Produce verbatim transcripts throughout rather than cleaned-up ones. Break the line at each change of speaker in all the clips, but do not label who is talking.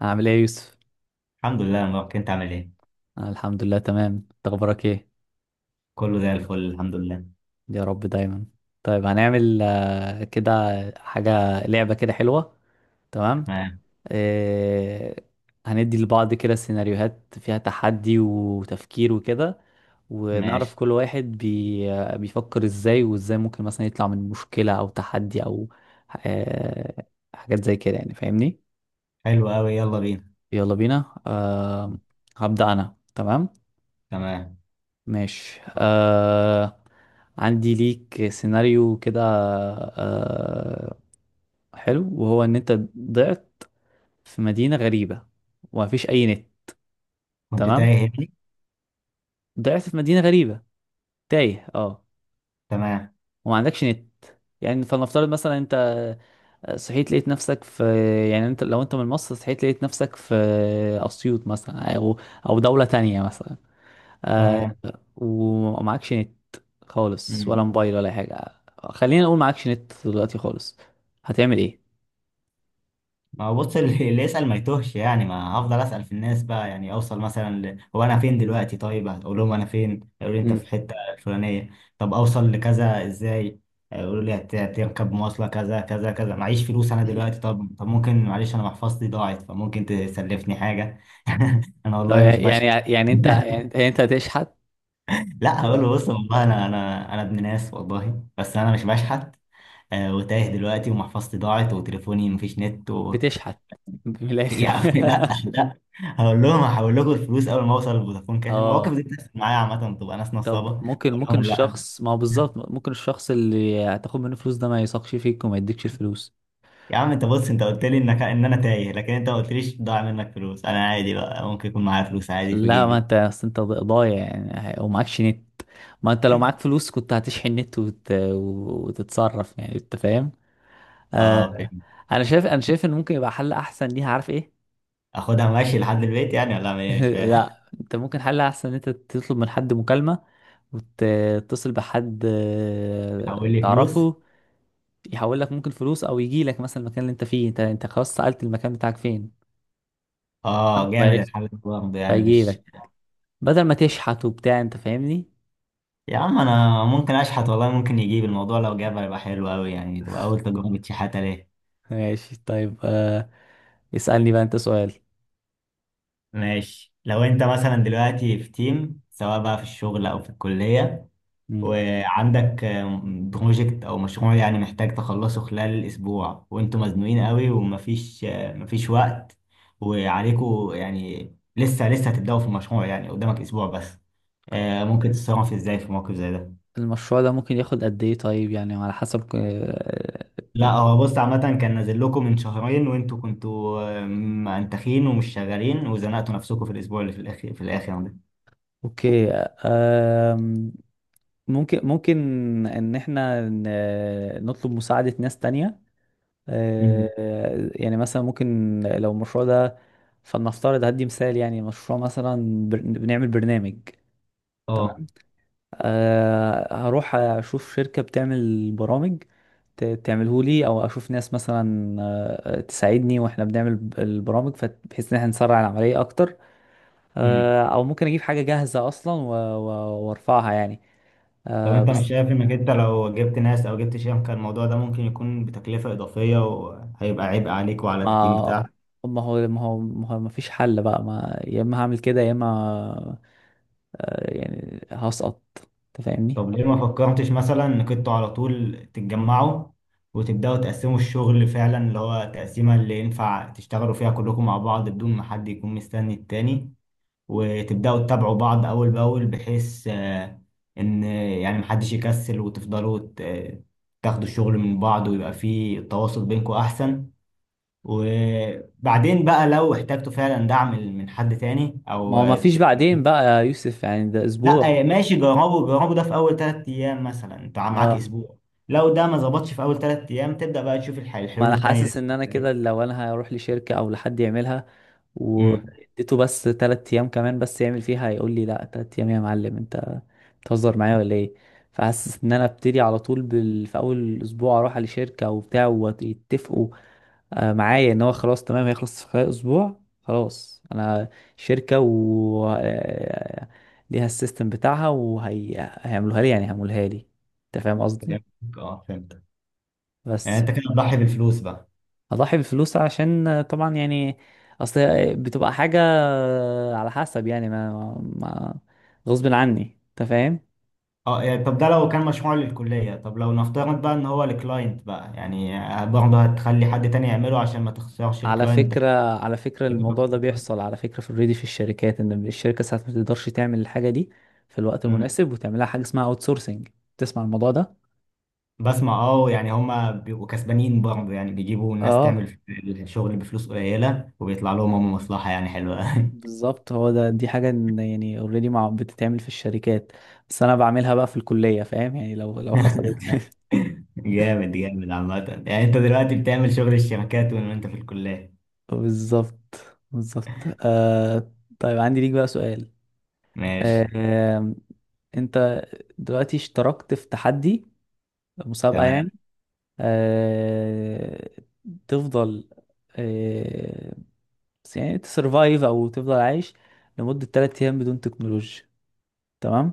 عامل ايه يا يوسف؟
الحمد لله يا مبارك، انت عامل ايه؟
أنا الحمد لله تمام، انت اخبارك ايه؟
كله زي الفل الحمد لله.
يا رب دايما. طيب هنعمل آه، كده. حاجة لعبة كده حلوة. تمام؟
تمام.
آه، هندي لبعض كده سيناريوهات فيها تحدي وتفكير وكده، ونعرف
ماشي.
كل واحد بي آه، بيفكر ازاي وازاي ممكن مثلا يطلع من مشكلة او تحدي او آه، حاجات زي كده يعني فاهمني؟
حلو قوي، يلا بينا.
يلا بينا. آه، هبدأ انا. تمام؟
تمام.
ماشي. آه عندي ليك سيناريو كده. آه حلو وهو ان انت ضعت في مدينة غريبة ومفيش اي نت.
كنت
تمام،
تايه هنا.
ضعت في مدينة غريبة، تايه. اه
تمام.
وما عندكش نت، يعني فلنفترض مثلا انت صحيت لقيت نفسك في، يعني انت لو انت من مصر صحيت لقيت نفسك في اسيوط مثلا او او دولة تانية مثلا.
تمام.
ومعكش نت خالص
امم.
ولا موبايل ولا أي حاجة. خلينا نقول معكش نت دلوقتي خالص. هتعمل ايه؟
ما هو بص، اللي اللي يسأل ما يتوهش، يعني ما هفضل أسأل في الناس بقى، يعني اوصل مثلا ل... هو انا فين
مم.
دلوقتي؟ طيب هتقول لهم انا فين، يقولوا لي انت
مم.
في الحتة الفلانية. طب اوصل لكذا ازاي؟ يقولوا لي هت- هتركب مواصلة كذا كذا كذا، معيش فلوس انا دلوقتي، طب طب ممكن معلش، انا محفظتي ضاعت فممكن تسلفني حاجة؟ انا
طب
والله مش بشع.
يعني يعني انت، يعني يعني انت هتشحت.
لا، هقول له بص والله انا انا انا ابن ناس والله، بس انا مش بشحت. آه، وتايه دلوقتي ومحفظتي ضاعت وتليفوني مفيش نت و...
بتشحت من
يا
الاخر.
عم لا لا، هقول لهم هحول لكم الفلوس اول ما اوصل لفودافون كاش. المواقف
اه.
دي بتحصل معايا عامه، بتبقى ناس نصابه،
طب
اقول
ممكن ممكن
لهم لا.
الشخص، ما هو بالظبط ممكن الشخص اللي هتاخد منه فلوس ده ما يثقش فيك وما يديكش الفلوس.
يا عم انت بص، انت قلت لي انك ان انا تايه، لكن انت ما قلتليش ضاع منك فلوس، انا عادي بقى ممكن يكون معايا فلوس عادي في
لا، ما
جيبي.
انت اصل انت ضايع يعني ومعكش نت. ما انت لو معاك فلوس كنت هتشحن نت وت... وتتصرف، يعني انت فاهم.
اه
آه
فهمت.
انا شايف انا شايف ان ممكن يبقى حل احسن ليها، عارف ايه؟
اخدها ماشي لحد البيت يعني ولا أعمل إيه؟ مش فاهم.
لا، انت ممكن حل احسن ان انت تطلب من حد مكالمة وتتصل بحد آه،
حول لي فلوس.
تعرفه، يحول لك ممكن فلوس او يجي لك مثلا المكان اللي انت فيه. انت انت خلاص سألت المكان بتاعك فين. تمام؟
اه جامد
وعرفت.
الحل ده برضه، يعني
فيجي
مش.
لك بدل ما تشحت وبتاع، انت فاهمني.
يا عم انا ممكن اشحت والله، ممكن يجيب الموضوع، لو جاب هيبقى حلو قوي، يعني تبقى اول تجربه شحاته ليه.
ماشي، طيب. آه اسألني بقى انت سؤال.
ماشي، لو انت مثلا دلوقتي في تيم سواء بقى في الشغل او في الكليه،
مم.
وعندك آم، بروجكت او مشروع يعني، محتاج تخلصه خلال الاسبوع وانتوا مزنوقين قوي، ومفيش آه، مفيش وقت. وعليكوا يعني لسه لسه هتبداوا في المشروع، يعني قدامك اسبوع بس. آه، ممكن تتصرف ازاي في موقف زي ده؟
المشروع ده ممكن ياخد قد ايه؟ طيب يعني على حسب آه،
لا هو بص، عامة كان نازل لكم من شهرين وانتوا كنتوا آه، منتخين ومش شغالين، وزنقتوا نفسكم في الأسبوع اللي في الأخير، في الآخر ده.
اوكي. آه ممكن ممكن ان احنا ن- نطلب مساعدة ناس تانية.
مم.
آه، يعني مثلا ممكن لو المشروع ده، فلنفترض هدي مثال يعني، مشروع مثلا بر- بنعمل برنامج.
اه.
تمام. آه، هروح اشوف شركة بتعمل برامج تعمله لي، او اشوف ناس مثلا آه، تساعدني واحنا بنعمل ب- البرامج فت- بحيث ان احنا نسرع العملية اكتر.
امم.
آه، او ممكن اجيب حاجة جاهزة اصلا و- و- وارفعها يعني.
طب
آه،
انت مش
بس
شايف انك انت لو جبت ناس او جبت شركة، كان الموضوع ده ممكن يكون بتكلفة إضافية وهيبقى عبء عليك وعلى التيم
ما
بتاعك؟
ما هو ما هو ما هو ما فيش حل بقى، ما يا اما هعمل كده يا اما، آه، يعني هسقط، انت فاهمني.
طب ليه ما فكرتش مثلا انك انتوا على طول تتجمعوا، وتبدأوا تقسموا الشغل فعلا، اللي هو تقسيمة اللي ينفع تشتغلوا فيها كلكم مع بعض بدون ما حد يكون مستني التاني، وتبدأوا تتابعوا بعض أول بأول، بحيث آه، إن آه، يعني محدش يكسل، وتفضلوا ت- آه، تاخدوا الشغل من بعض، ويبقى فيه التواصل بينكم أحسن. وبعدين بقى لو احتجتوا فعلا دعم من حد تاني
ما
أو
هو ما فيش
ت-
بعدين بقى يا يوسف، يعني ده اسبوع.
لا آه، ماشي، جربوا جربوا ده في أول تلات أيام مثلا، أنت معاك
اه.
أسبوع. لو ده ما ظبطش في أول تلات أيام، تبدأ بقى تشوف الح-
ما
الحلول
انا حاسس
التانية.
ان انا
اللي-
كده لو انا هروح لشركة او لحد يعملها،
مم.
واديته بس تلات ايام كمان بس يعمل فيها، هيقول لي لا، تلات ايام يا معلم انت بتهزر معايا ولا ايه. فحاسس ان انا ابتدي على طول بال... في اول اسبوع اروح على شركة وبتاع، ويتفقوا آه، معايا ان هو خلاص تمام هيخلص في خلال اسبوع. خلاص انا شركة و آه، ليها السيستم بتاعها وهيعملوها لي، يعني هيعملوها لي. انت فاهم قصدي.
فهمتك. اه فهمت. يعني
بس
أنت كده بتضحي بالفلوس بقى؟
اضحي بالفلوس عشان آه، طبعا يعني، اصل هي بتبقى حاجة آه، على حسب يعني، ما, ما غصب عني، انت فاهم.
اه يعني، طب ده لو كان مشروع للكلية، طب لو نفترض بقى ان هو لكلاينت بقى، يعني برضه هتخلي حد تاني يعمله عشان ما تخسرش
على
الكلاينت ده؟
فكرة، على فكرة الموضوع ده بيحصل على فكرة في اوريدي في الشركات، ان الشركة ساعات ما تقدرش تعمل الحاجة دي في الوقت
مم.
المناسب، وتعملها حاجة اسمها اوت سورسنج. تسمع الموضوع ده.
بسمع اه، يعني هما بيبقوا كسبانين برضه، يعني بيجيبوا الناس
اه،
تعمل الشغل بفلوس قليلة، وبيطلع لهم هم مصلحة يعني حلوة.
بالظبط. هو ده. دي حاجة إن يعني اوريدي مع بتتعمل في الشركات، بس انا بعملها بقى في الكلية، فاهم يعني، لو لو حصلت.
جامد جامد، عامة يعني انت دلوقتي بتعمل شغل الشركات وانت في الكلية.
بالظبط. بالظبط. آه طيب عندي ليك بقى سؤال.
ماشي.
آه انت دلوقتي اشتركت في تحدي، مسابقة
تمام.
يعني. آه تفضل. آه بس يعني تسرفايف او تفضل عايش لمدة ثلاث ايام بدون تكنولوجيا. تمام.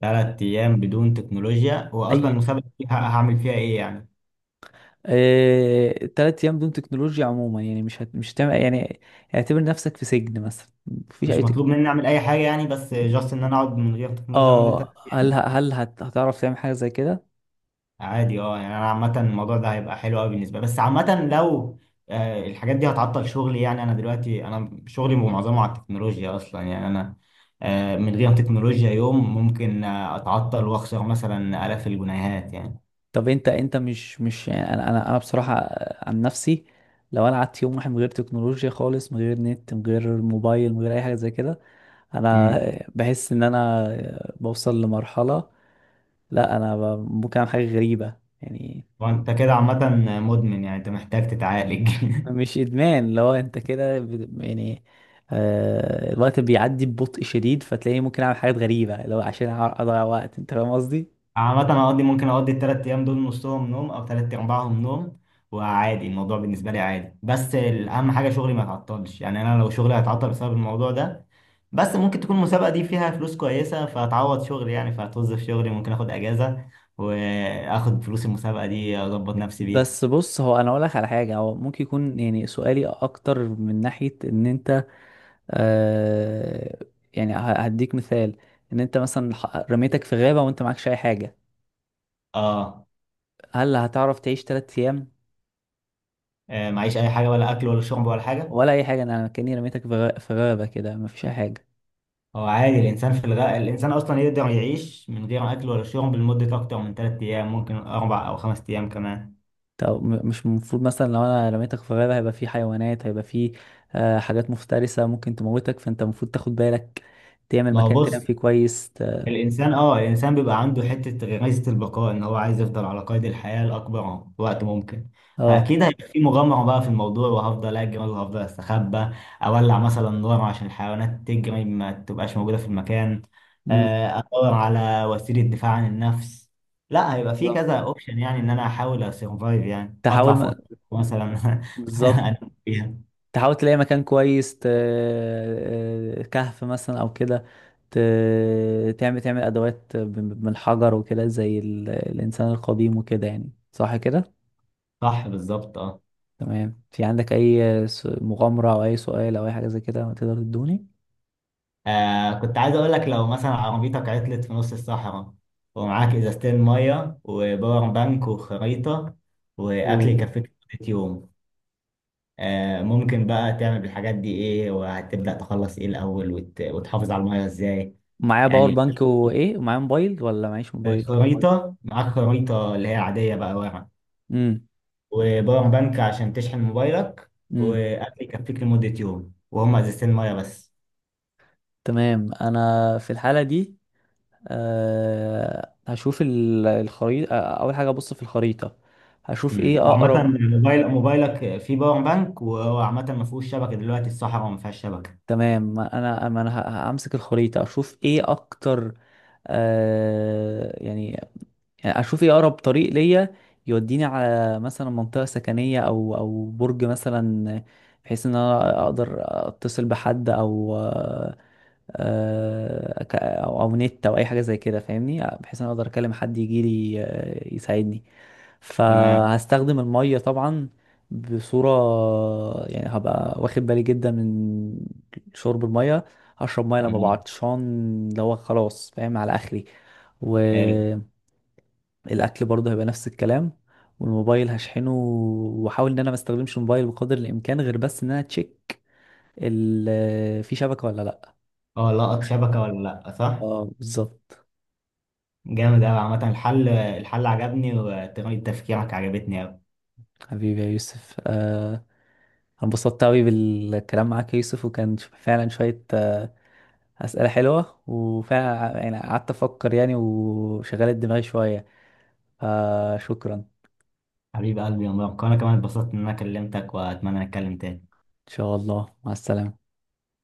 ثلاث ايام بدون تكنولوجيا؟ واصلا
اي.
المسابقة دي ه- هعمل فيها ايه يعني؟
آه، تلات أيام دون تكنولوجيا عموما يعني، مش هت... مش هتعمل يعني. اعتبر نفسك في سجن مثلا، مفيش أي
مش مطلوب
تكنولوجيا.
مني اعمل اي حاجه يعني، بس جاست ان انا اقعد من غير تكنولوجيا لمده
اه،
تلات
هل ه-
ايام
هل هت... هتعرف تعمل حاجة زي كده؟
عادي اه، يعني انا عامه الموضوع ده هيبقى حلو قوي بالنسبه لي. بس عامه لو آه، الحاجات دي هتعطل شغلي، يعني انا دلوقتي انا شغلي معظمه على التكنولوجيا اصلا، يعني انا آه، من غير تكنولوجيا يوم ممكن آه، اتعطل واخسر مثلا الاف الجنيهات يعني.
طب انت انت مش مش يعني انا انا انا بصراحة عن نفسي، لو انا قعدت يوم واحد من غير تكنولوجيا خالص، من غير نت، من غير موبايل، من غير اي حاجة زي كده، انا
امم.
بحس ان انا بوصل لمرحلة، لا انا ب- ممكن اعمل حاجة غريبة يعني.
وانت كده عامه مدمن، يعني انت محتاج تتعالج.
مش ادمان، لو انت كده بت- يعني، آه الوقت بيعدي ببطء شديد، فتلاقيني ممكن اعمل حاجات غريبه، لو عشان أع- اضيع وقت، انت فاهم قصدي.
عامة أقضي ممكن أقضي التلات أيام دول نصهم نوم أو تلات أرباعهم نوم. وعادي، الموضوع بالنسبة لي عادي، بس الأهم حاجة شغلي ما يتعطلش، يعني أنا لو شغلي هيتعطل بسبب الموضوع ده، بس ممكن تكون المسابقة دي فيها فلوس كويسة فهتعوض شغلي، يعني فهتوظف شغلي، ممكن آخد أجازة وآخد فلوس المسابقة دي أظبط نفسي بيها.
بس بص، هو انا اقول لك على حاجه، هو ممكن يكون يعني سؤالي اكتر من ناحيه ان انت، آه يعني ه- هديك مثال. ان انت مثلا ح- رميتك في غابه وانت معكش اي حاجه،
آه
هل هتعرف تعيش ثلاثة ايام
آه، معيش أي حاجة؟ ولا أكل ولا شرب ولا حاجة؟
ولا اي حاجه، انا كاني رميتك في غ- في غابه كده مفيش اي حاجه.
هو عادي الإنسان في الغاء، الإنسان أصلا يقدر يعيش من غير أكل ولا شرب لمدة أكتر من تلات أيام، ممكن أربع أو خمس أيام كمان.
طب م- مش المفروض مثلا لو انا رميتك في غابة هيبقى في حيوانات، هيبقى في آه، حاجات مفترسة ممكن تموتك، فانت المفروض تاخد بالك تعمل
ما هو
مكان تنام
بص،
فيه كويس ت...
الانسان اه الانسان بيبقى عنده حته غريزه البقاء، ان هو عايز يفضل على قيد الحياه لاكبر وقت ممكن.
اه.
فاكيد هيبقى في مغامره بقى في الموضوع، وهفضل اجري وهفضل استخبى. اولع مثلا نار عشان الحيوانات تجري ما تبقاش موجوده في المكان.
امم.
آه، ادور على وسيله دفاع عن النفس. لا، هيبقى في
بالظبط.
كذا اوبشن، يعني ان انا احاول اسرفايف، يعني اطلع
تحاول
فوق
م...
مثلا.
بالظبط،
انام فيها.
تحاول تلاقي مكان كويس ت... آه، كهف مثلا او كده ت... تعمل تعمل ادوات ب- من الحجر وكده زي ال... الانسان القديم وكده يعني، صح كده.
صح بالظبط اه.
تمام. في عندك اي س- مغامرة او اي سؤال او اي حاجة زي كده تقدر تدوني.
آه كنت عايز اقول لك، لو مثلا عربيتك عطلت في نص الصحراء ومعاك ازازتين ميه وباور بانك وخريطه واكل يكفيك لمده يوم، آه ممكن بقى تعمل بالحاجات دي ايه، وهتبدا تخلص ايه الاول وت... وتحافظ على الميه ازاي؟
معايا باور
يعني.
بانك وايه، ومعايا موبايل ولا معيش موبايل.
خريطه، معاك خريطه اللي هي عاديه بقى ورق.
امم.
وباور بانك عشان تشحن موبايلك.
امم.
واكل يكفيك لمده يوم، وهم ازازتين ميه بس.
تمام. انا في الحاله دي أه هشوف ال- الخريطه. آه، اول حاجه ابص في الخريطه، هشوف
امم.
ايه
وعامة
اقرب.
موبايل موبايلك فيه باور بانك، وعامة ما فيهوش شبكة، دلوقتي الصحراء ما فيهاش شبكة.
تمام، ما انا ما انا ه- همسك الخريطه اشوف ايه اكتر. أه يعني يعني اشوف ايه اقرب طريق ليا يوديني على مثلا منطقه سكنيه او او برج مثلا، بحيث ان انا اقدر اتصل بحد او آه، آه، ك- او أو نت او اي حاجه زي كده فاهمني، بحيث انا اقدر اكلم حد يجي لي آه، يساعدني.
تمام.
فهستخدم الميه طبعا بصوره، يعني هبقى واخد بالي جدا من شرب الميه. هشرب ميه لما أبقى
تمام.
عطشان، اللي هو خلاص فاهم على اخري.
حلو.
والاكل برضه هيبقى نفس الكلام. والموبايل هشحنه، واحاول ان انا ما استخدمش الموبايل بقدر الامكان، غير بس ان انا تشيك ال- في شبكه ولا لا.
اه، لقط شبكة ولا لأ، صح؟
اه، بالظبط.
جامد أوي، عامة الحل الحل عجبني وطريقة تفكيرك عجبتني أوي.
حبيبي يا يوسف، آه، أنا انبسطت أوي بالكلام معاك يا يوسف، وكان ش- فعلا شوية آه، أسئلة حلوة، وفعلا ع- يعني قعدت أفكر يعني وشغلت دماغي شوية، فشكرا. إن
حبيب قلبي يا مبارك، وأنا كمان اتبسطت إن أنا كلمتك، وأتمنى نتكلم تاني.
شاء الله. مع السلامة.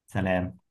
سلام.